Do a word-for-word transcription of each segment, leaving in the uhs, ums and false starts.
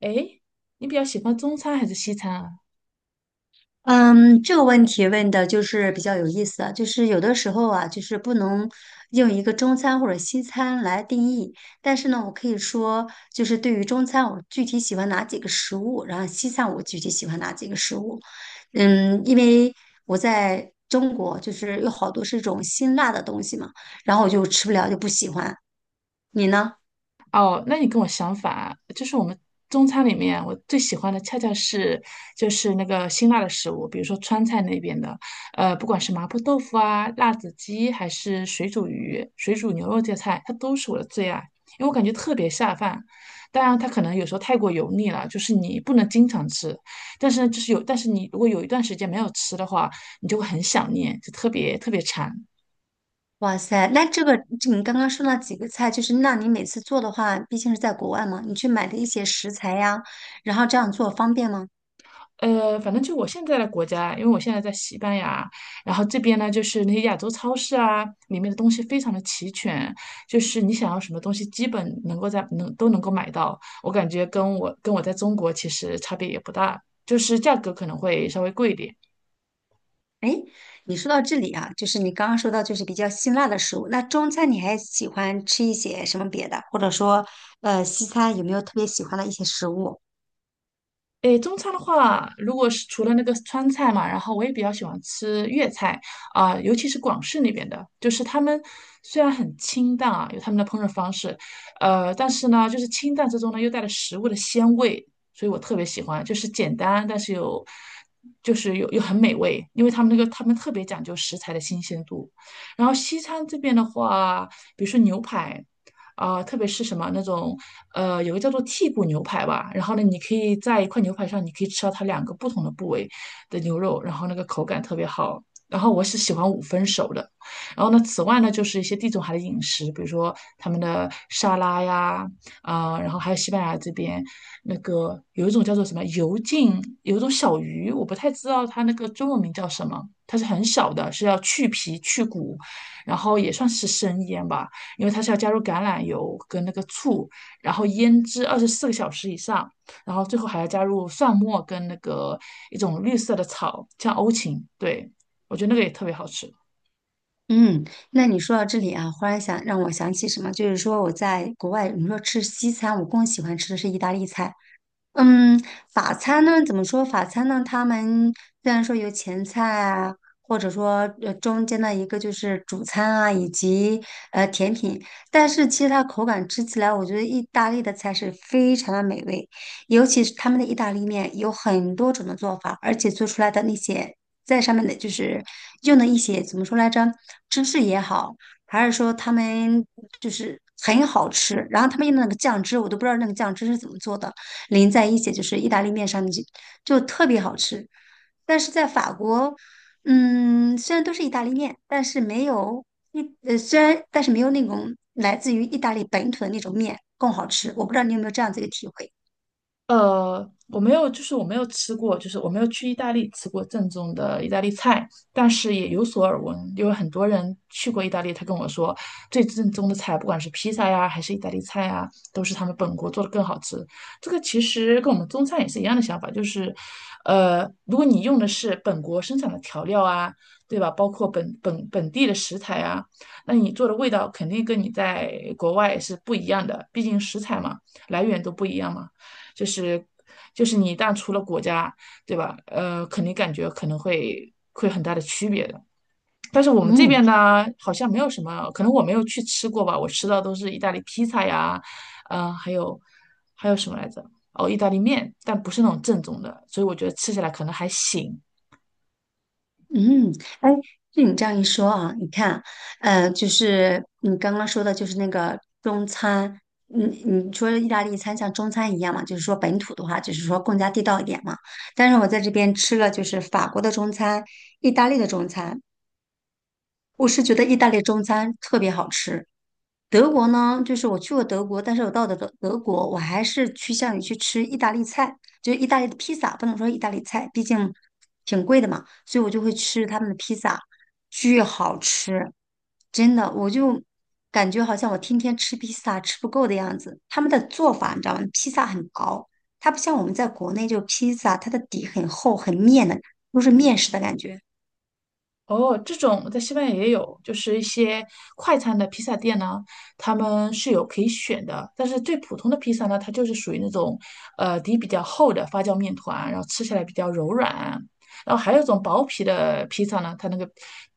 诶，你比较喜欢中餐还是西餐啊？嗯，这个问题问的就是比较有意思啊，就是有的时候啊，就是不能用一个中餐或者西餐来定义，但是呢，我可以说，就是对于中餐，我具体喜欢哪几个食物，然后西餐我具体喜欢哪几个食物。嗯，因为我在中国，就是有好多是这种辛辣的东西嘛，然后我就吃不了，就不喜欢。你呢？哦，那你跟我想反啊就是我们中餐里面，我最喜欢的恰恰是就是那个辛辣的食物，比如说川菜那边的，呃，不管是麻婆豆腐啊、辣子鸡，还是水煮鱼、水煮牛肉这些菜，它都是我的最爱，因为我感觉特别下饭。当然，它可能有时候太过油腻了，就是你不能经常吃，但是呢，就是有，但是你如果有一段时间没有吃的话，你就会很想念，就特别特别馋。哇塞，那这个这你刚刚说了几个菜，就是那你每次做的话，毕竟是在国外嘛，你去买的一些食材呀，然后这样做方便吗？呃，反正就我现在的国家，因为我现在在西班牙，然后这边呢，就是那些亚洲超市啊，里面的东西非常的齐全，就是你想要什么东西，基本能够在能都能够买到。我感觉跟我跟我在中国其实差别也不大，就是价格可能会稍微贵一点。哎，你说到这里啊，就是你刚刚说到就是比较辛辣的食物，那中餐你还喜欢吃一些什么别的，或者说呃西餐有没有特别喜欢的一些食物？诶，中餐的话，如果是除了那个川菜嘛，然后我也比较喜欢吃粤菜啊、尤其是广式那边的，就是他们虽然很清淡啊，有他们的烹饪方式，呃，但是呢，就是清淡之中呢又带了食物的鲜味，所以我特别喜欢，就是简单但是有，就是又又很美味，因为他们那个他们特别讲究食材的新鲜度。然后西餐这边的话，比如说牛排。啊、特别是什么那种呃，有个叫做剔骨牛排吧，然后呢，你可以在一块牛排上，你可以吃到它两个不同的部位的牛肉，然后那个口感特别好。然后我是喜欢五分熟的，然后呢，此外呢，就是一些地中海的饮食，比如说他们的沙拉呀，啊、然后还有西班牙这边那个有一种叫做什么油浸，有一种小鱼，我不太知道它那个中文名叫什么，它是很小的，是要去皮去骨，然后也算是生腌吧。因为它是要加入橄榄油跟那个醋，然后腌制二十四个小时以上，然后最后还要加入蒜末跟那个一种绿色的草，像欧芹，对，我觉得那个也特别好吃。嗯，那你说到这里啊，忽然想让我想起什么，就是说我在国外，你说吃西餐，我更喜欢吃的是意大利菜。嗯，法餐呢，怎么说？法餐呢，他们虽然说有前菜啊，或者说呃中间的一个就是主餐啊，以及呃甜品，但是其实它口感吃起来，我觉得意大利的菜是非常的美味，尤其是他们的意大利面有很多种的做法，而且做出来的那些在上面的就是用的一些怎么说来着，芝士也好，还是说他们就是很好吃，然后他们用的那个酱汁，我都不知道那个酱汁是怎么做的。淋在一起就是意大利面上面就就特别好吃，但是在法国，嗯，虽然都是意大利面，但是没有一呃虽然但是没有那种来自于意大利本土的那种面更好吃。我不知道你有没有这样子一个体会？呃，我没有，就是我没有吃过，就是我没有去意大利吃过正宗的意大利菜，但是也有所耳闻，因为很多人去过意大利，他跟我说，最正宗的菜，不管是披萨呀，还是意大利菜啊，都是他们本国做的更好吃。这个其实跟我们中餐也是一样的想法，就是，呃，如果你用的是本国生产的调料啊，对吧？包括本本本地的食材啊，那你做的味道肯定跟你在国外是不一样的，毕竟食材嘛，来源都不一样嘛。就是就是你一旦出了国家，对吧？呃，肯定感觉可能会会很大的区别的。但是我们这嗯。边呢，好像没有什么，可能我没有去吃过吧，我吃到都是意大利披萨呀，嗯、还有还有什么来着？哦，意大利面，但不是那种正宗的，所以我觉得吃起来可能还行。嗯，哎，就你这样一说啊，你看，呃，就是你刚刚说的，就是那个中餐，你你说意大利餐像中餐一样嘛，就是说本土的话，就是说更加地道一点嘛。但是我在这边吃了就是法国的中餐、意大利的中餐，我是觉得意大利中餐特别好吃，德国呢，就是我去过德国，但是我到的德德国，我还是趋向于去吃意大利菜，就是意大利的披萨，不能说意大利菜，毕竟挺贵的嘛，所以我就会吃他们的披萨，巨好吃，真的，我就感觉好像我天天吃披萨吃不够的样子。他们的做法你知道吗？披萨很薄，它不像我们在国内就披萨，它的底很厚很面的，都是面食的感觉，哦，这种在西班牙也有，就是一些快餐的披萨店呢，他们是有可以选的。但是最普通的披萨呢，它就是属于那种，呃，底比较厚的发酵面团，然后吃起来比较柔软。然后还有一种薄皮的披萨呢，它那个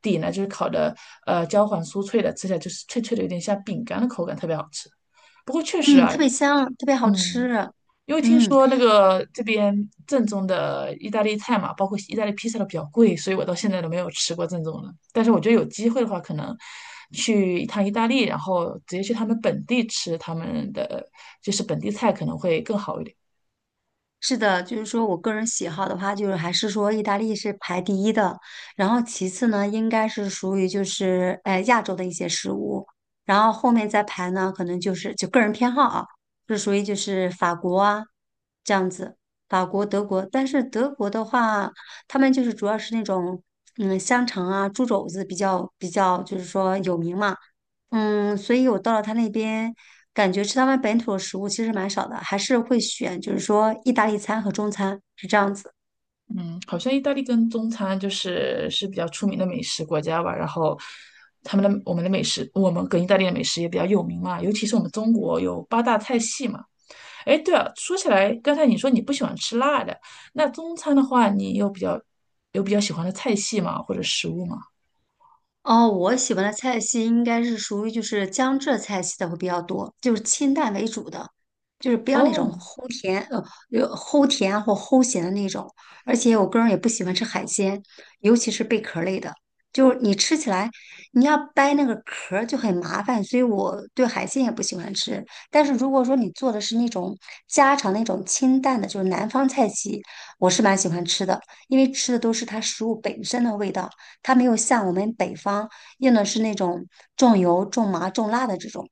底呢就是烤的，呃，焦黄酥脆的，吃起来就是脆脆的，有点像饼干的口感，特别好吃。不过确实嗯，啊，特别香，特别好嗯。吃。因为听嗯，说那个这边正宗的意大利菜嘛，包括意大利披萨都比较贵，所以我到现在都没有吃过正宗的。但是我觉得有机会的话，可能去一趟意大利，然后直接去他们本地吃他们的就是本地菜，可能会更好一点。是的，就是说我个人喜好的话，就是还是说意大利是排第一的，然后其次呢，应该是属于就是呃亚洲的一些食物，然后后面再排呢，可能就是就个人偏好啊，是属于就是法国啊这样子，法国、德国，但是德国的话，他们就是主要是那种嗯香肠啊、猪肘子比较比较就是说有名嘛，嗯，所以我到了他那边，感觉吃他们本土的食物其实蛮少的，还是会选就是说意大利餐和中餐，是这样子。嗯，好像意大利跟中餐就是是比较出名的美食国家吧，然后他们的我们的美食，我们跟意大利的美食也比较有名嘛，尤其是我们中国有八大菜系嘛。哎，对了，说起来，刚才你说你不喜欢吃辣的，那中餐的话，你有比较有比较喜欢的菜系吗？或者食物吗？哦，我喜欢的菜系应该是属于就是江浙菜系的会比较多，就是清淡为主的，就是不要那种哦，齁甜呃有齁甜或齁咸的那种。而且我个人也不喜欢吃海鲜，尤其是贝壳类的，就是你吃起来你要掰那个壳儿就很麻烦，所以我对海鲜也不喜欢吃。但是如果说你做的是那种家常那种清淡的，就是南方菜系，我是蛮喜欢吃的，因为吃的都是它食物本身的味道。它没有像我们北方用的是那种重油、重麻、重辣的这种，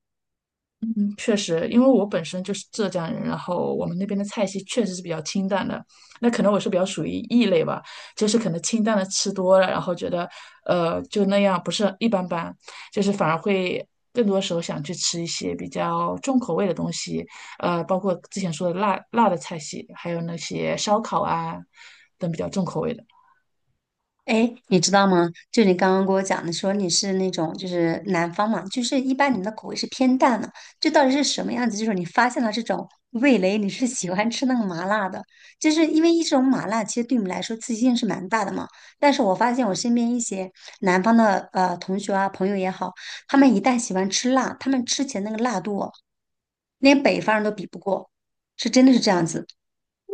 嗯确实，因为我本身就是浙江人，然后我们那边的菜系确实是比较清淡的，那可能我是比较属于异类吧，就是可能清淡的吃多了，然后觉得呃就那样，不是一般般，就是反而会更多时候想去吃一些比较重口味的东西，呃，包括之前说的辣辣的菜系，还有那些烧烤啊等比较重口味的。哎，诶你知道吗？就你刚刚跟我讲的，说你是那种就是南方嘛，就是一般你们的口味是偏淡的，这到底是什么样子？就是你发现了这种味蕾，你是喜欢吃那个麻辣的，就是因为一种麻辣其实对你们来说刺激性是蛮大的嘛。但是我发现我身边一些南方的呃同学啊朋友也好，他们一旦喜欢吃辣，他们吃起来那个辣度哦，连北方人都比不过，是真的是这样子。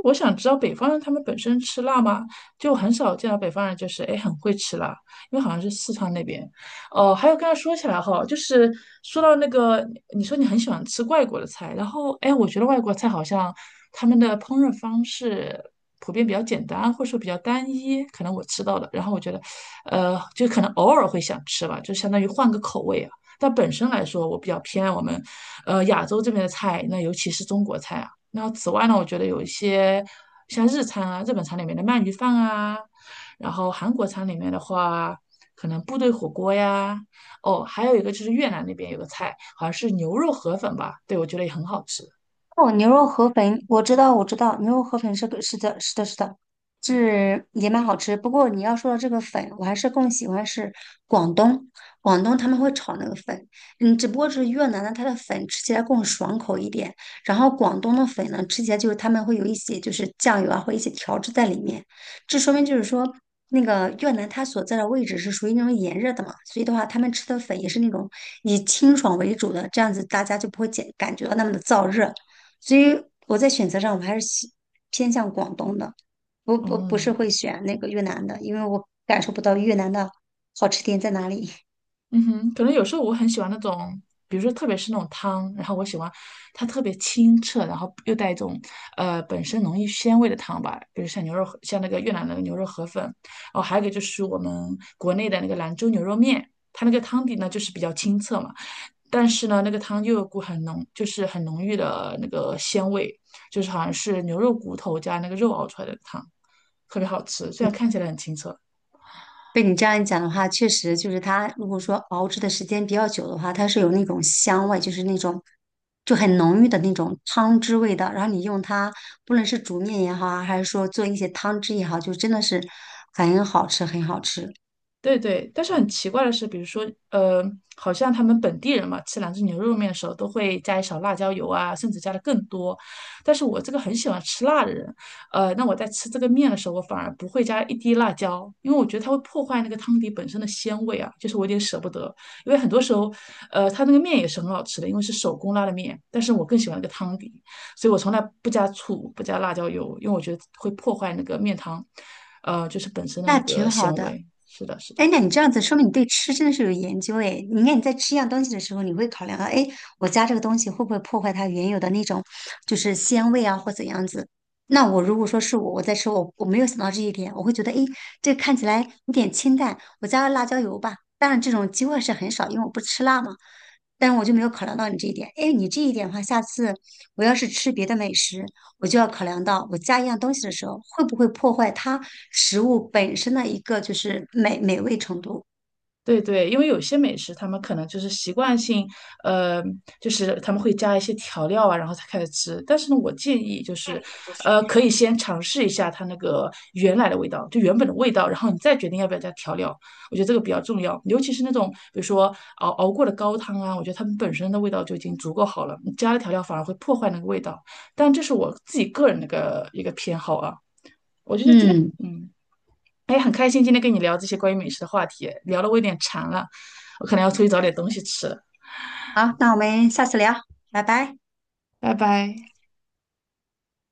我想知道北方人他们本身吃辣吗？就很少见到北方人就是哎很会吃辣，因为好像是四川那边。哦，还有刚才说起来哈，就是说到那个，你说你很喜欢吃外国的菜，然后哎，我觉得外国菜好像他们的烹饪方式普遍比较简单，或者说比较单一，可能我吃到的，然后我觉得，呃，就可能偶尔会想吃吧，就相当于换个口味啊。但本身来说，我比较偏爱我们，呃，亚洲这边的菜，那尤其是中国菜啊。那此外呢，我觉得有一些像日餐啊、日本餐里面的鳗鱼饭啊，然后韩国餐里面的话，可能部队火锅呀，哦，还有一个就是越南那边有个菜，好像是牛肉河粉吧，对，我觉得也很好吃。哦，牛肉河粉，我知道，我知道，牛肉河粉是个是的，是的，是的，是也蛮好吃。不过你要说到这个粉，我还是更喜欢是广东，广东他们会炒那个粉，嗯，只不过是越南的它的粉吃起来更爽口一点，然后广东的粉呢吃起来就是他们会有一些就是酱油啊或一些调制在里面，这说明就是说。那个越南它所在的位置是属于那种炎热的嘛，所以的话，他们吃的粉也是那种以清爽为主的，这样子大家就不会感感觉到那么的燥热。所以我在选择上我还是喜偏向广东的，不不不是嗯。会选那个越南的，因为我感受不到越南的好吃点在哪里。嗯哼，可能有时候我很喜欢那种，比如说特别是那种汤，然后我喜欢它特别清澈，然后又带一种呃本身浓郁鲜味的汤吧，比如像牛肉，像那个越南的牛肉河粉，哦，还有一个就是我们国内的那个兰州牛肉面，它那个汤底呢就是比较清澈嘛，但是呢那个汤又有股很浓，就是很浓郁的那个鲜味，就是好像是牛肉骨头加那个肉熬出来的汤，特别好吃，虽嗯，然看起来很清澈。被你这样一讲的话，确实就是它如果说熬制的时间比较久的话，它是有那种香味，就是那种就很浓郁的那种汤汁味道，然后你用它，不论是煮面也好啊，还是说做一些汤汁也好，就真的是很好吃，很好吃。对对，但是很奇怪的是，比如说，呃，好像他们本地人嘛，吃兰州牛肉面的时候都会加一勺辣椒油啊，甚至加的更多。但是我这个很喜欢吃辣的人，呃，那我在吃这个面的时候，我反而不会加一滴辣椒，因为我觉得它会破坏那个汤底本身的鲜味啊，就是我有点舍不得。因为很多时候，呃，它那个面也是很好吃的，因为是手工拉的面，但是我更喜欢那个汤底。所以我从来不加醋，不加辣椒油，因为我觉得会破坏那个面汤，呃，就是本身的那那个挺好纤的，维。是的，是的。哎，那你这样子说明你对吃真的是有研究哎。你看你在吃一样东西的时候，你会考量到，哎，我加这个东西会不会破坏它原有的那种就是鲜味啊，或怎样子？那我如果说是我我在吃，我我没有想到这一点，我会觉得，哎，这看起来有点清淡，我加了辣椒油吧。当然这种机会是很少，因为我不吃辣嘛。但是我就没有考量到你这一点。哎，你这一点的话，下次我要是吃别的美食，我就要考量到我加一样东西的时候，会不会破坏它食物本身的一个就是美美味程度。对对，因为有些美食他们可能就是习惯性，呃，就是他们会加一些调料啊，然后才开始吃。但是呢，我建议就是，呃，可以先尝试一下它那个原来的味道，就原本的味道，然后你再决定要不要加调料。我觉得这个比较重要，尤其是那种比如说熬熬过的高汤啊，我觉得它们本身的味道就已经足够好了，你加了调料反而会破坏那个味道。但这是我自己个人的一个一个偏好啊，嗯，嗯。哎，很开心今天跟你聊这些关于美食的话题，聊的我有点馋了，我可能要出去找点东西吃了，好，那我们下次聊，拜拜。拜拜。